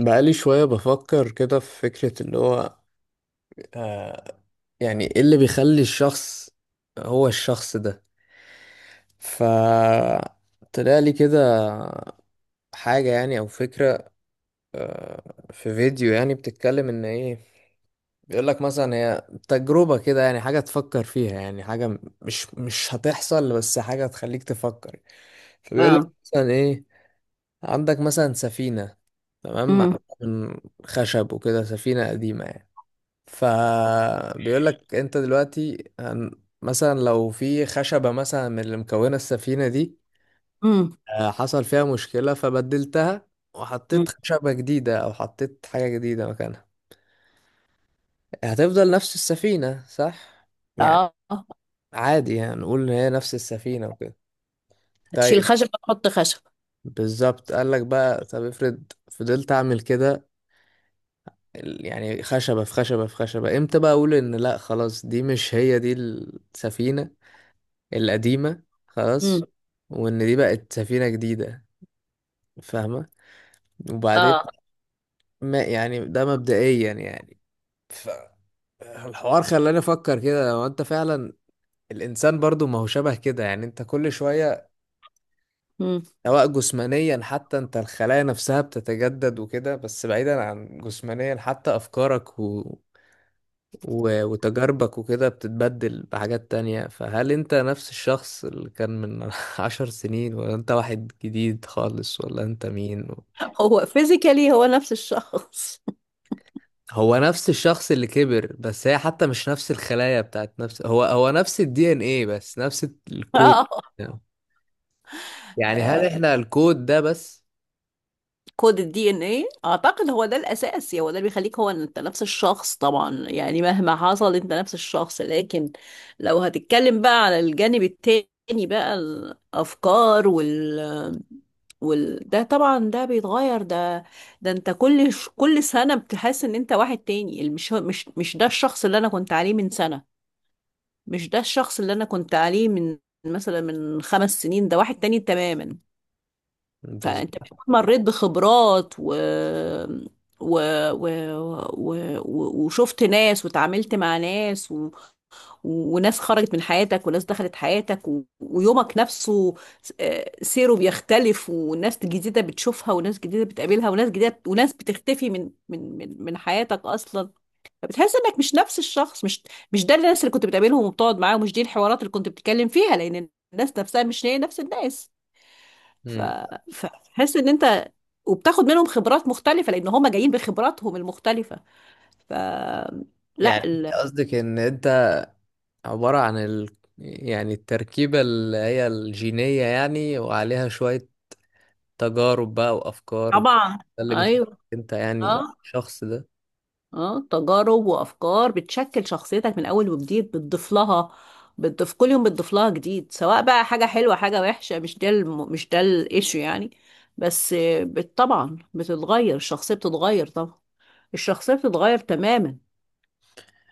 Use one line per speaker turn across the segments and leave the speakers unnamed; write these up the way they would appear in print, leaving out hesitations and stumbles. بقالي شوية بفكر كده في فكرة اللي هو. آه يعني ايه اللي بيخلي الشخص هو الشخص ده. ف طلع لي كده حاجة يعني أو فكرة. آه في فيديو يعني بتتكلم إن إيه، بيقولك مثلا هي تجربة كده، يعني حاجة تفكر فيها، يعني حاجة مش هتحصل بس حاجة تخليك تفكر. فبيقولك
اه.
مثلا إيه، عندك مثلا سفينة، تمام،
امم.
معمولة من خشب وكده، سفينة قديمة يعني. فبيقول لك انت دلوقتي مثلا لو في خشبة مثلا من اللي مكونة السفينة دي
امم.
حصل فيها مشكلة فبدلتها
أمم.
وحطيت خشبة جديدة، او حطيت حاجة جديدة مكانها، هتفضل نفس السفينة صح؟ يعني
اه.
عادي يعني نقول ان هي نفس السفينة وكده.
هتشيل
طيب،
خشب، تحط خشب.
بالظبط، قال لك بقى طب افرض فضلت اعمل كده، يعني خشبة في خشبة في خشبة، امتى بقى اقول ان لا خلاص دي مش هي دي السفينة القديمة،
امم.
خلاص، وإن دي بقت سفينة جديدة؟ فاهمة؟ وبعدين
اه.
ما يعني ده مبدئيا يعني ف... الحوار خلاني أفكر كده، لو أنت فعلا الإنسان برضو ما هو شبه كده يعني، أنت كل شوية،
امم.
سواء جسمانيا، حتى أنت الخلايا نفسها بتتجدد وكده، بس بعيدا عن جسمانيا، حتى أفكارك و... و- وتجاربك وكده بتتبدل بحاجات تانية، فهل انت نفس الشخص اللي كان من عشر سنين؟ ولا انت واحد جديد خالص؟ ولا انت مين؟
هو فيزيكالي، هو نفس الشخص.
هو نفس الشخص اللي كبر، بس هي حتى مش نفس الخلايا بتاعت نفس، هو نفس الدي ان ايه بس، نفس الكود. يعني هل
اه.
احنا الكود ده بس؟
كود الدي ان ايه اعتقد هو ده الاساس، يعني هو ده اللي بيخليك هو، إن انت نفس الشخص طبعا، يعني مهما حصل انت نفس الشخص. لكن لو هتتكلم بقى على الجانب التاني، بقى الافكار وال وال ده طبعا، ده بيتغير. ده انت كل كل سنة بتحس ان انت واحد تاني. مش ده الشخص اللي انا كنت عليه من سنة، مش ده الشخص اللي انا كنت عليه من، مثلا، من خمس سنين. ده واحد تاني تماما.
بس
فانت بتكون مريت بخبرات و... و... وشفت ناس وتعاملت مع ناس وناس خرجت من حياتك وناس دخلت حياتك ويومك نفسه، سيره بيختلف، وناس جديدة بتشوفها وناس جديدة بتقابلها وناس جديدة وناس بتختفي من حياتك أصلا. فبتحس انك مش نفس الشخص. مش ده الناس اللي كنت بتقابلهم وبتقعد معاهم، مش دي الحوارات اللي كنت بتتكلم فيها، لان الناس نفسها مش هي نفس الناس. ف...
مم.
فتحس ان انت، وبتاخد منهم خبرات مختلفة لان هم جايين بخبراتهم المختلفة. ف لا
يعني
ال...
قصدك ان انت عبارة عن يعني التركيبة اللي هي الجينية يعني، وعليها شوية تجارب بقى وافكار
طبعا.
ده اللي بيخليك
ايوه.
انت يعني
اه.
شخص، ده
اه، تجارب وافكار بتشكل شخصيتك من اول وجديد، بتضيف لها، بتضيف كل يوم، بتضيف لها جديد، سواء بقى حاجة حلوة حاجة وحشة، مش ده الايشو يعني. بس طبعا بتتغير الشخصية، بتتغير طبعا. الشخصية بتتغير تماما.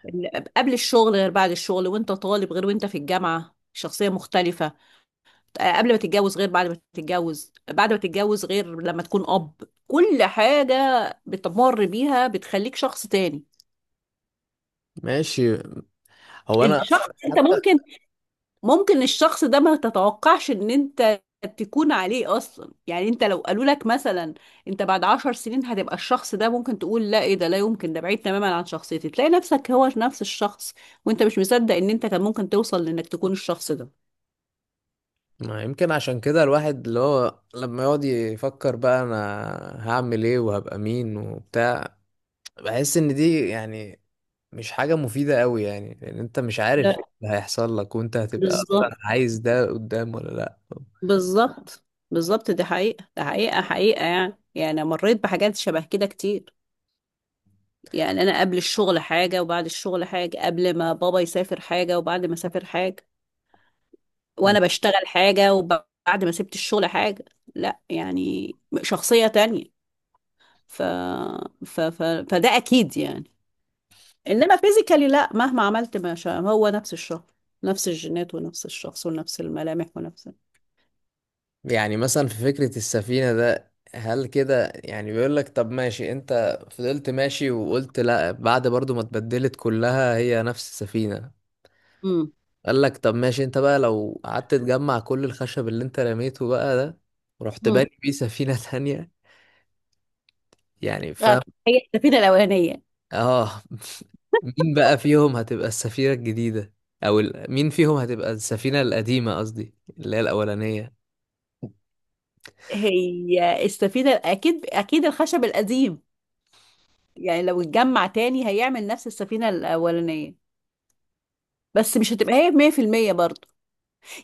قبل الشغل غير بعد الشغل، وانت طالب غير وانت في الجامعة، شخصية مختلفة. قبل ما تتجوز غير بعد ما تتجوز، بعد ما تتجوز غير لما تكون أب. كل حاجة بتمر بيها بتخليك شخص تاني.
ماشي. هو انا
الشخص
اصلا
انت ممكن الشخص ده ما تتوقعش ان انت تكون عليه اصلا. يعني انت لو قالوا لك مثلا انت بعد عشر سنين هتبقى الشخص ده، ممكن تقول لا، ايه ده؟ لا يمكن، ده بعيد تماما عن شخصيتي. تلاقي نفسك هو نفس الشخص، وانت مش مصدق ان انت كان ممكن توصل لانك تكون الشخص ده.
ما يمكن عشان كده الواحد اللي هو لما يقعد يفكر بقى انا هعمل ايه وهبقى مين وبتاع، بحس ان دي يعني مش حاجة مفيدة قوي، يعني لان انت مش عارف
لا.
ايه اللي هيحصل لك، وانت هتبقى
بالظبط،
اصلا عايز ده قدام ولا لا.
بالظبط، بالظبط. دي حقيقة، ده حقيقة حقيقة يعني. يعني أنا مريت بحاجات شبه كده كتير. يعني أنا قبل الشغل حاجة وبعد الشغل حاجة، قبل ما بابا يسافر حاجة وبعد ما سافر حاجة، وأنا بشتغل حاجة وبعد ما سبت الشغل حاجة. لا يعني، شخصية تانية. ف... فده أكيد يعني. إنما فيزيكالي لا، مهما عملت ما شاء هو نفس الشخص، نفس الجينات ونفس الشخص ونفس الملامح ونفس.
يعني مثلا في فكرة السفينة ده، هل كده يعني بيقول لك طب ماشي انت فضلت ماشي وقلت لا، بعد برضو ما اتبدلت كلها هي نفس السفينة؟
امم.
قال لك طب ماشي، انت بقى لو قعدت تجمع كل الخشب اللي انت رميته بقى ده، ورحت
امم.
باني بيه سفينة تانية، يعني فاهم؟
هي السفينة الأولانية.
اه، مين بقى فيهم هتبقى السفينة الجديدة، او مين فيهم هتبقى السفينة القديمة، قصدي اللي هي الأولانية؟
هي السفينة أكيد، أكيد الخشب القديم، يعني لو اتجمع تاني هيعمل نفس السفينة الأولانية، بس مش هتبقى هي 100% برضه.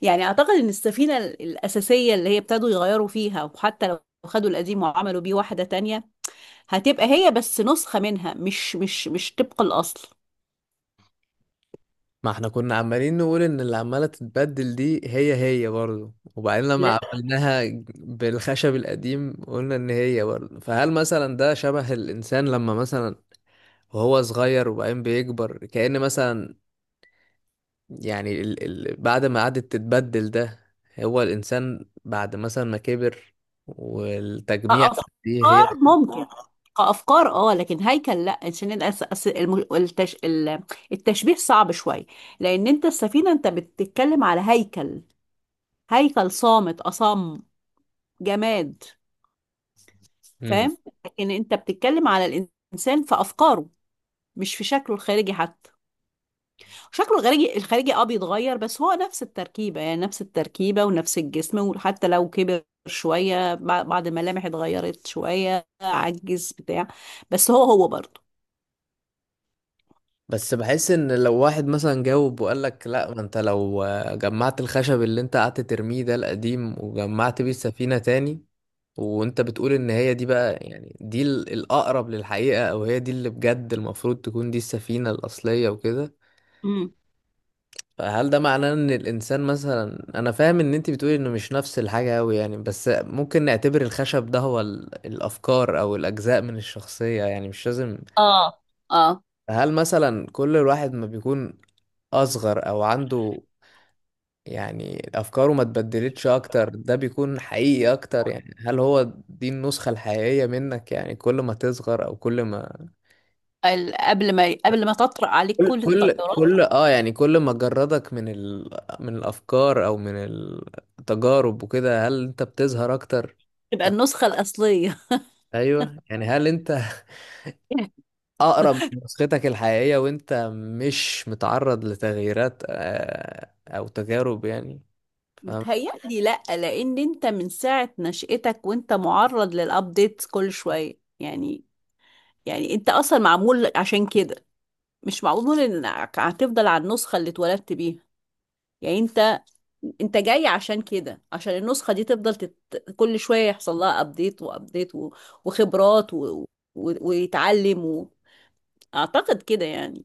يعني أعتقد إن السفينة الأساسية اللي هي ابتدوا يغيروا فيها، وحتى لو خدوا القديم وعملوا بيه واحدة تانية، هتبقى هي بس نسخة منها، مش طبق الأصل.
ما احنا كنا عمالين نقول ان اللي عمالة تتبدل دي هي برضه، وبعدين
لا،
لما عملناها بالخشب القديم قلنا ان هي برضه، فهل مثلا ده شبه الانسان لما مثلا وهو صغير وبعدين بيكبر، كأن مثلا يعني ال ال بعد ما قعدت تتبدل ده، هو الانسان بعد مثلا ما كبر، والتجميع دي هي.
كأفكار ممكن. كأفكار اه، لكن هيكل لا، عشان التشبيه صعب شوية. لأن أنت السفينة، أنت بتتكلم على هيكل، هيكل صامت أصم جماد، فاهم؟ لكن انت بتتكلم على الإنسان في أفكاره، مش في شكله الخارجي حتى. شكله الخارجي بيتغير، بس هو نفس التركيبة، يعني نفس التركيبة ونفس الجسم، وحتى لو كبر شوية بعض الملامح اتغيرت شوية، عجز بتاع، بس هو هو برضه.
بس بحس ان لو واحد مثلا جاوب وقال لك لا، ما انت لو جمعت الخشب اللي انت قعدت ترميه ده القديم، وجمعت بيه السفينة تاني، وانت بتقول ان هي دي بقى، يعني دي الاقرب للحقيقة، او هي دي اللي بجد المفروض تكون دي السفينة الاصلية وكده،
امم.
فهل ده معناه ان الانسان مثلا؟ انا فاهم ان انت بتقولي انه مش نفس الحاجة اوي يعني، بس ممكن نعتبر الخشب ده هو الافكار او الاجزاء من الشخصية، يعني مش لازم.
اه. اه،
هل مثلا كل الواحد ما بيكون اصغر، او عنده يعني افكاره ما اتبدلتش اكتر، ده بيكون حقيقي اكتر؟ يعني هل هو دي النسخة الحقيقية منك؟ يعني كل ما تصغر، او كل ما
قبل ما تطرق عليك
كل-
كل
كل
التغيرات،
كل اه، يعني كل ما جردك من من الافكار او من التجارب وكده، هل انت بتظهر اكتر؟
تبقى
ف...
النسخة الأصلية.
ايوه يعني، هل انت اقرب لنسختك الحقيقية وانت مش متعرض لتغييرات او تجارب يعني؟
بتهيألي لأ، لأن أنت من ساعة نشأتك وأنت معرض للأبديت كل شوية يعني أنت أصلا معمول عشان كده، مش معمول إنك هتفضل على النسخة اللي اتولدت بيها. يعني أنت جاي عشان كده، عشان النسخة دي تفضل كل شوية يحصل لها أبديت وأبديت وخبرات ويتعلم أعتقد كده يعني.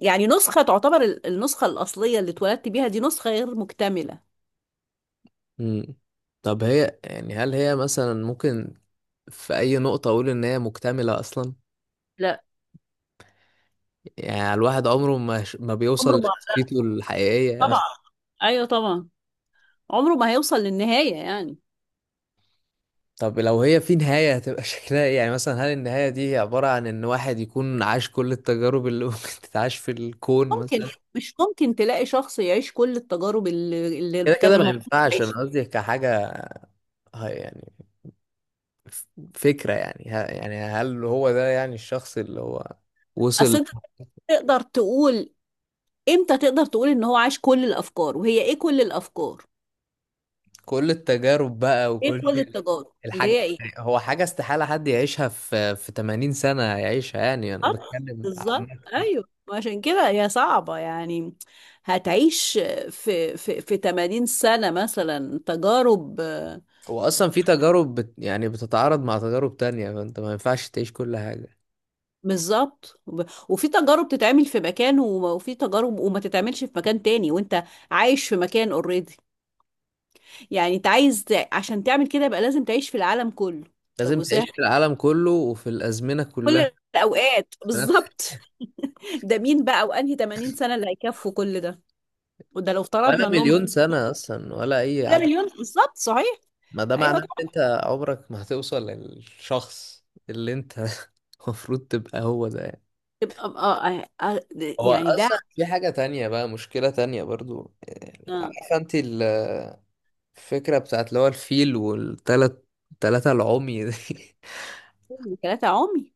يعني نسخة تعتبر النسخة الأصلية اللي اتولدت بيها، دي نسخة غير مكتملة.
مم. طب هي يعني هل هي مثلا ممكن في أي نقطة أقول إن هي مكتملة أصلا؟
لا،
يعني الواحد عمره ما بيوصل
عمره ما،
لشخصيته الحقيقية
طبعا،
مثلا؟
أيوه طبعا، عمره ما هيوصل للنهاية يعني.
طب لو هي في نهاية هتبقى شكلها إيه؟ يعني مثلا هل النهاية دي هي عبارة عن إن واحد يكون عاش كل التجارب اللي ممكن تتعاش في الكون
ممكن،
مثلا؟
مش ممكن تلاقي شخص يعيش كل التجارب
كده
اللي كان
كده ما
المفروض
ينفعش، أنا
يعيشها.
قصدي كحاجة، يعني ف- فكرة يعني يعني هل هو ده يعني الشخص اللي هو
اصل
وصل
انت تقدر تقول، امتى تقدر تقول ان هو عاش كل الافكار، وهي ايه كل الافكار،
كل التجارب بقى
ايه
وكل
كل التجارب اللي
الحاجة؟
هي ايه؟
هو حاجة استحالة حد يعيشها، في 80 سنة يعيشها، يعني أنا
آه،
بتكلم عامة.
بالظبط، ايوه، عشان كده هي صعبة يعني. هتعيش في 80 سنة مثلا تجارب.
هو أصلا في تجارب بت يعني بتتعارض مع تجارب تانية، فأنت ما ينفعش تعيش كل حاجة.
بالظبط، وفي تجارب تتعمل في مكان وفي تجارب وما تتعملش في مكان تاني، وانت عايش في مكان اوريدي. يعني انت عايز عشان تعمل كده يبقى لازم تعيش في العالم كله. طب
لازم تعيش
وازاي،
في العالم كله وفي الأزمنة كلها
كل الاوقات
في نفس.
بالظبط. ده مين بقى، وانهي 80 سنة اللي هيكفوا كل ده؟ وده لو
ولا
افترضنا انهم،
مليون سنة أصلا ولا أي
ده
عدد.
مليون بالظبط، صحيح.
ما ده
ايوه
معناه إن
طبعا.
أنت عمرك ما هتوصل للشخص اللي أنت المفروض تبقى هو ده.
يبقى- اه آه، آه،
هو
يعني ده
اصلا في حاجة تانية بقى، مشكلة تانية برضو، يعني عارفة انت الفكرة بتاعت اللي هو الفيل والتلات تلاتة العمي دي؟
ثلاثة عمي.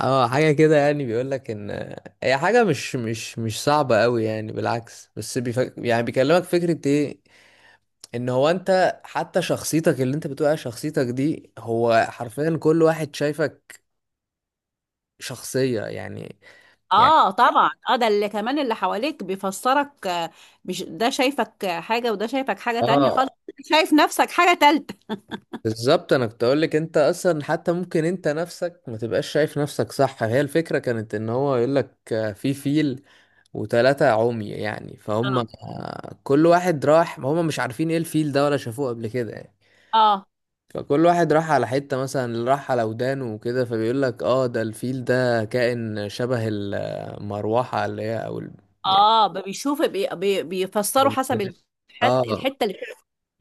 اه حاجة كده، يعني بيقول لك ان هي حاجة مش صعبة قوي يعني، بالعكس، بس يعني بيكلمك فكرة ايه، ان هو انت حتى شخصيتك اللي انت بتقول عليها شخصيتك دي، هو حرفيا كل واحد شايفك شخصية يعني. يعني
اه. طبعا اه، ده اللي كمان اللي حواليك بيفسرك. مش ده شايفك حاجة، وده شايفك حاجة تانية خالص،
اه،
شايف نفسك حاجة تالتة.
بالظبط، انا كنت اقول لك انت اصلا حتى ممكن انت نفسك ما تبقاش شايف نفسك صح. هي الفكره كانت ان هو يقول لك في فيل وثلاثه عمي يعني، فهم
اه.
كل واحد راح، هم مش عارفين ايه الفيل ده ولا شافوه قبل كده يعني،
اه.
فكل واحد راح على حته، مثلا اللي راح على ودانه وكده، فبيقول لك اه ده الفيل ده كائن شبه المروحه اللي هي، او يعني
اه بيشوف، بي بي بيفسروا
أو
حسب
كده. اه،
الحتة اللي.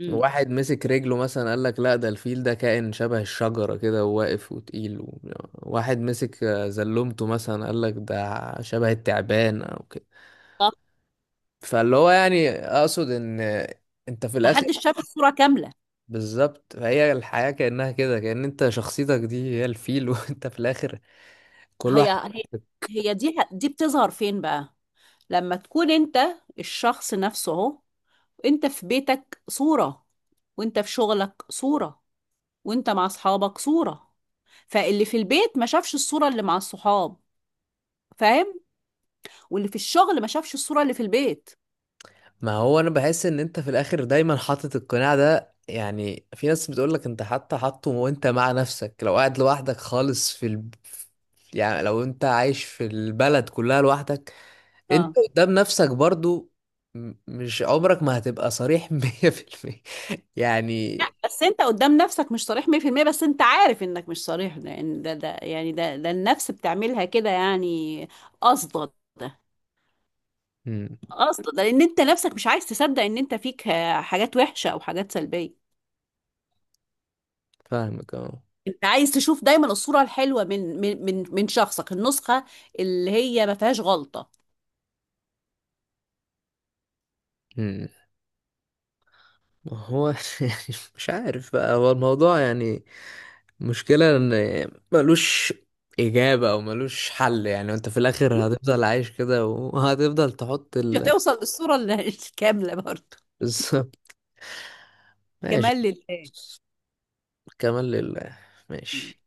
امم.
واحد مسك رجله مثلا قال لك لا، ده الفيل ده كائن شبه الشجرة كده، وواقف وتقيل واحد مسك زلمته مثلا قال لك ده شبه التعبان او كده.
طب،
فاللي هو يعني اقصد ان انت في
ما
الاخر،
حدش شاف الصورة كاملة.
بالظبط، فهي الحياة كأنها كده، كأن انت شخصيتك دي هي الفيل، وانت في الاخر كل واحد.
هي هي هي دي بتظهر فين بقى؟ لما تكون انت الشخص نفسه اهو، انت في بيتك صورة، وانت في شغلك صورة، وانت مع اصحابك صورة، فاللي في البيت ما شافش الصورة اللي مع الصحاب، فاهم؟ واللي في الشغل ما شافش الصورة اللي في البيت.
ما هو انا بحس ان انت في الاخر دايما حاطط القناع ده، يعني في ناس بتقولك انت حتى حاطه وانت مع نفسك، لو قاعد لوحدك خالص في يعني لو انت عايش في البلد كلها لوحدك، انت
اه.
قدام نفسك برضو، مش عمرك ما هتبقى صريح مية في المية يعني.
بس انت قدام نفسك مش صريح 100%، بس انت عارف انك مش صريح، لان ده يعني ده النفس بتعملها كده يعني. قصدا،
مم،
قصدا، ده لان انت نفسك مش عايز تصدق ان انت فيك حاجات وحشة او حاجات سلبية.
فاهمك اه.
انت عايز تشوف دايما الصورة الحلوة من شخصك، النسخة اللي هي ما فيهاش غلطة.
مم. ما هو يعني، مش عارف بقى، هو الموضوع يعني المشكلة ان ملوش اجابة او ملوش حل، يعني انت في الاخر هتفضل عايش كده، وهتفضل تحط
مش هتوصل للصورة الكاملة برضه.
بس ماشي.
كمال لله.
كمان لله. ماشي.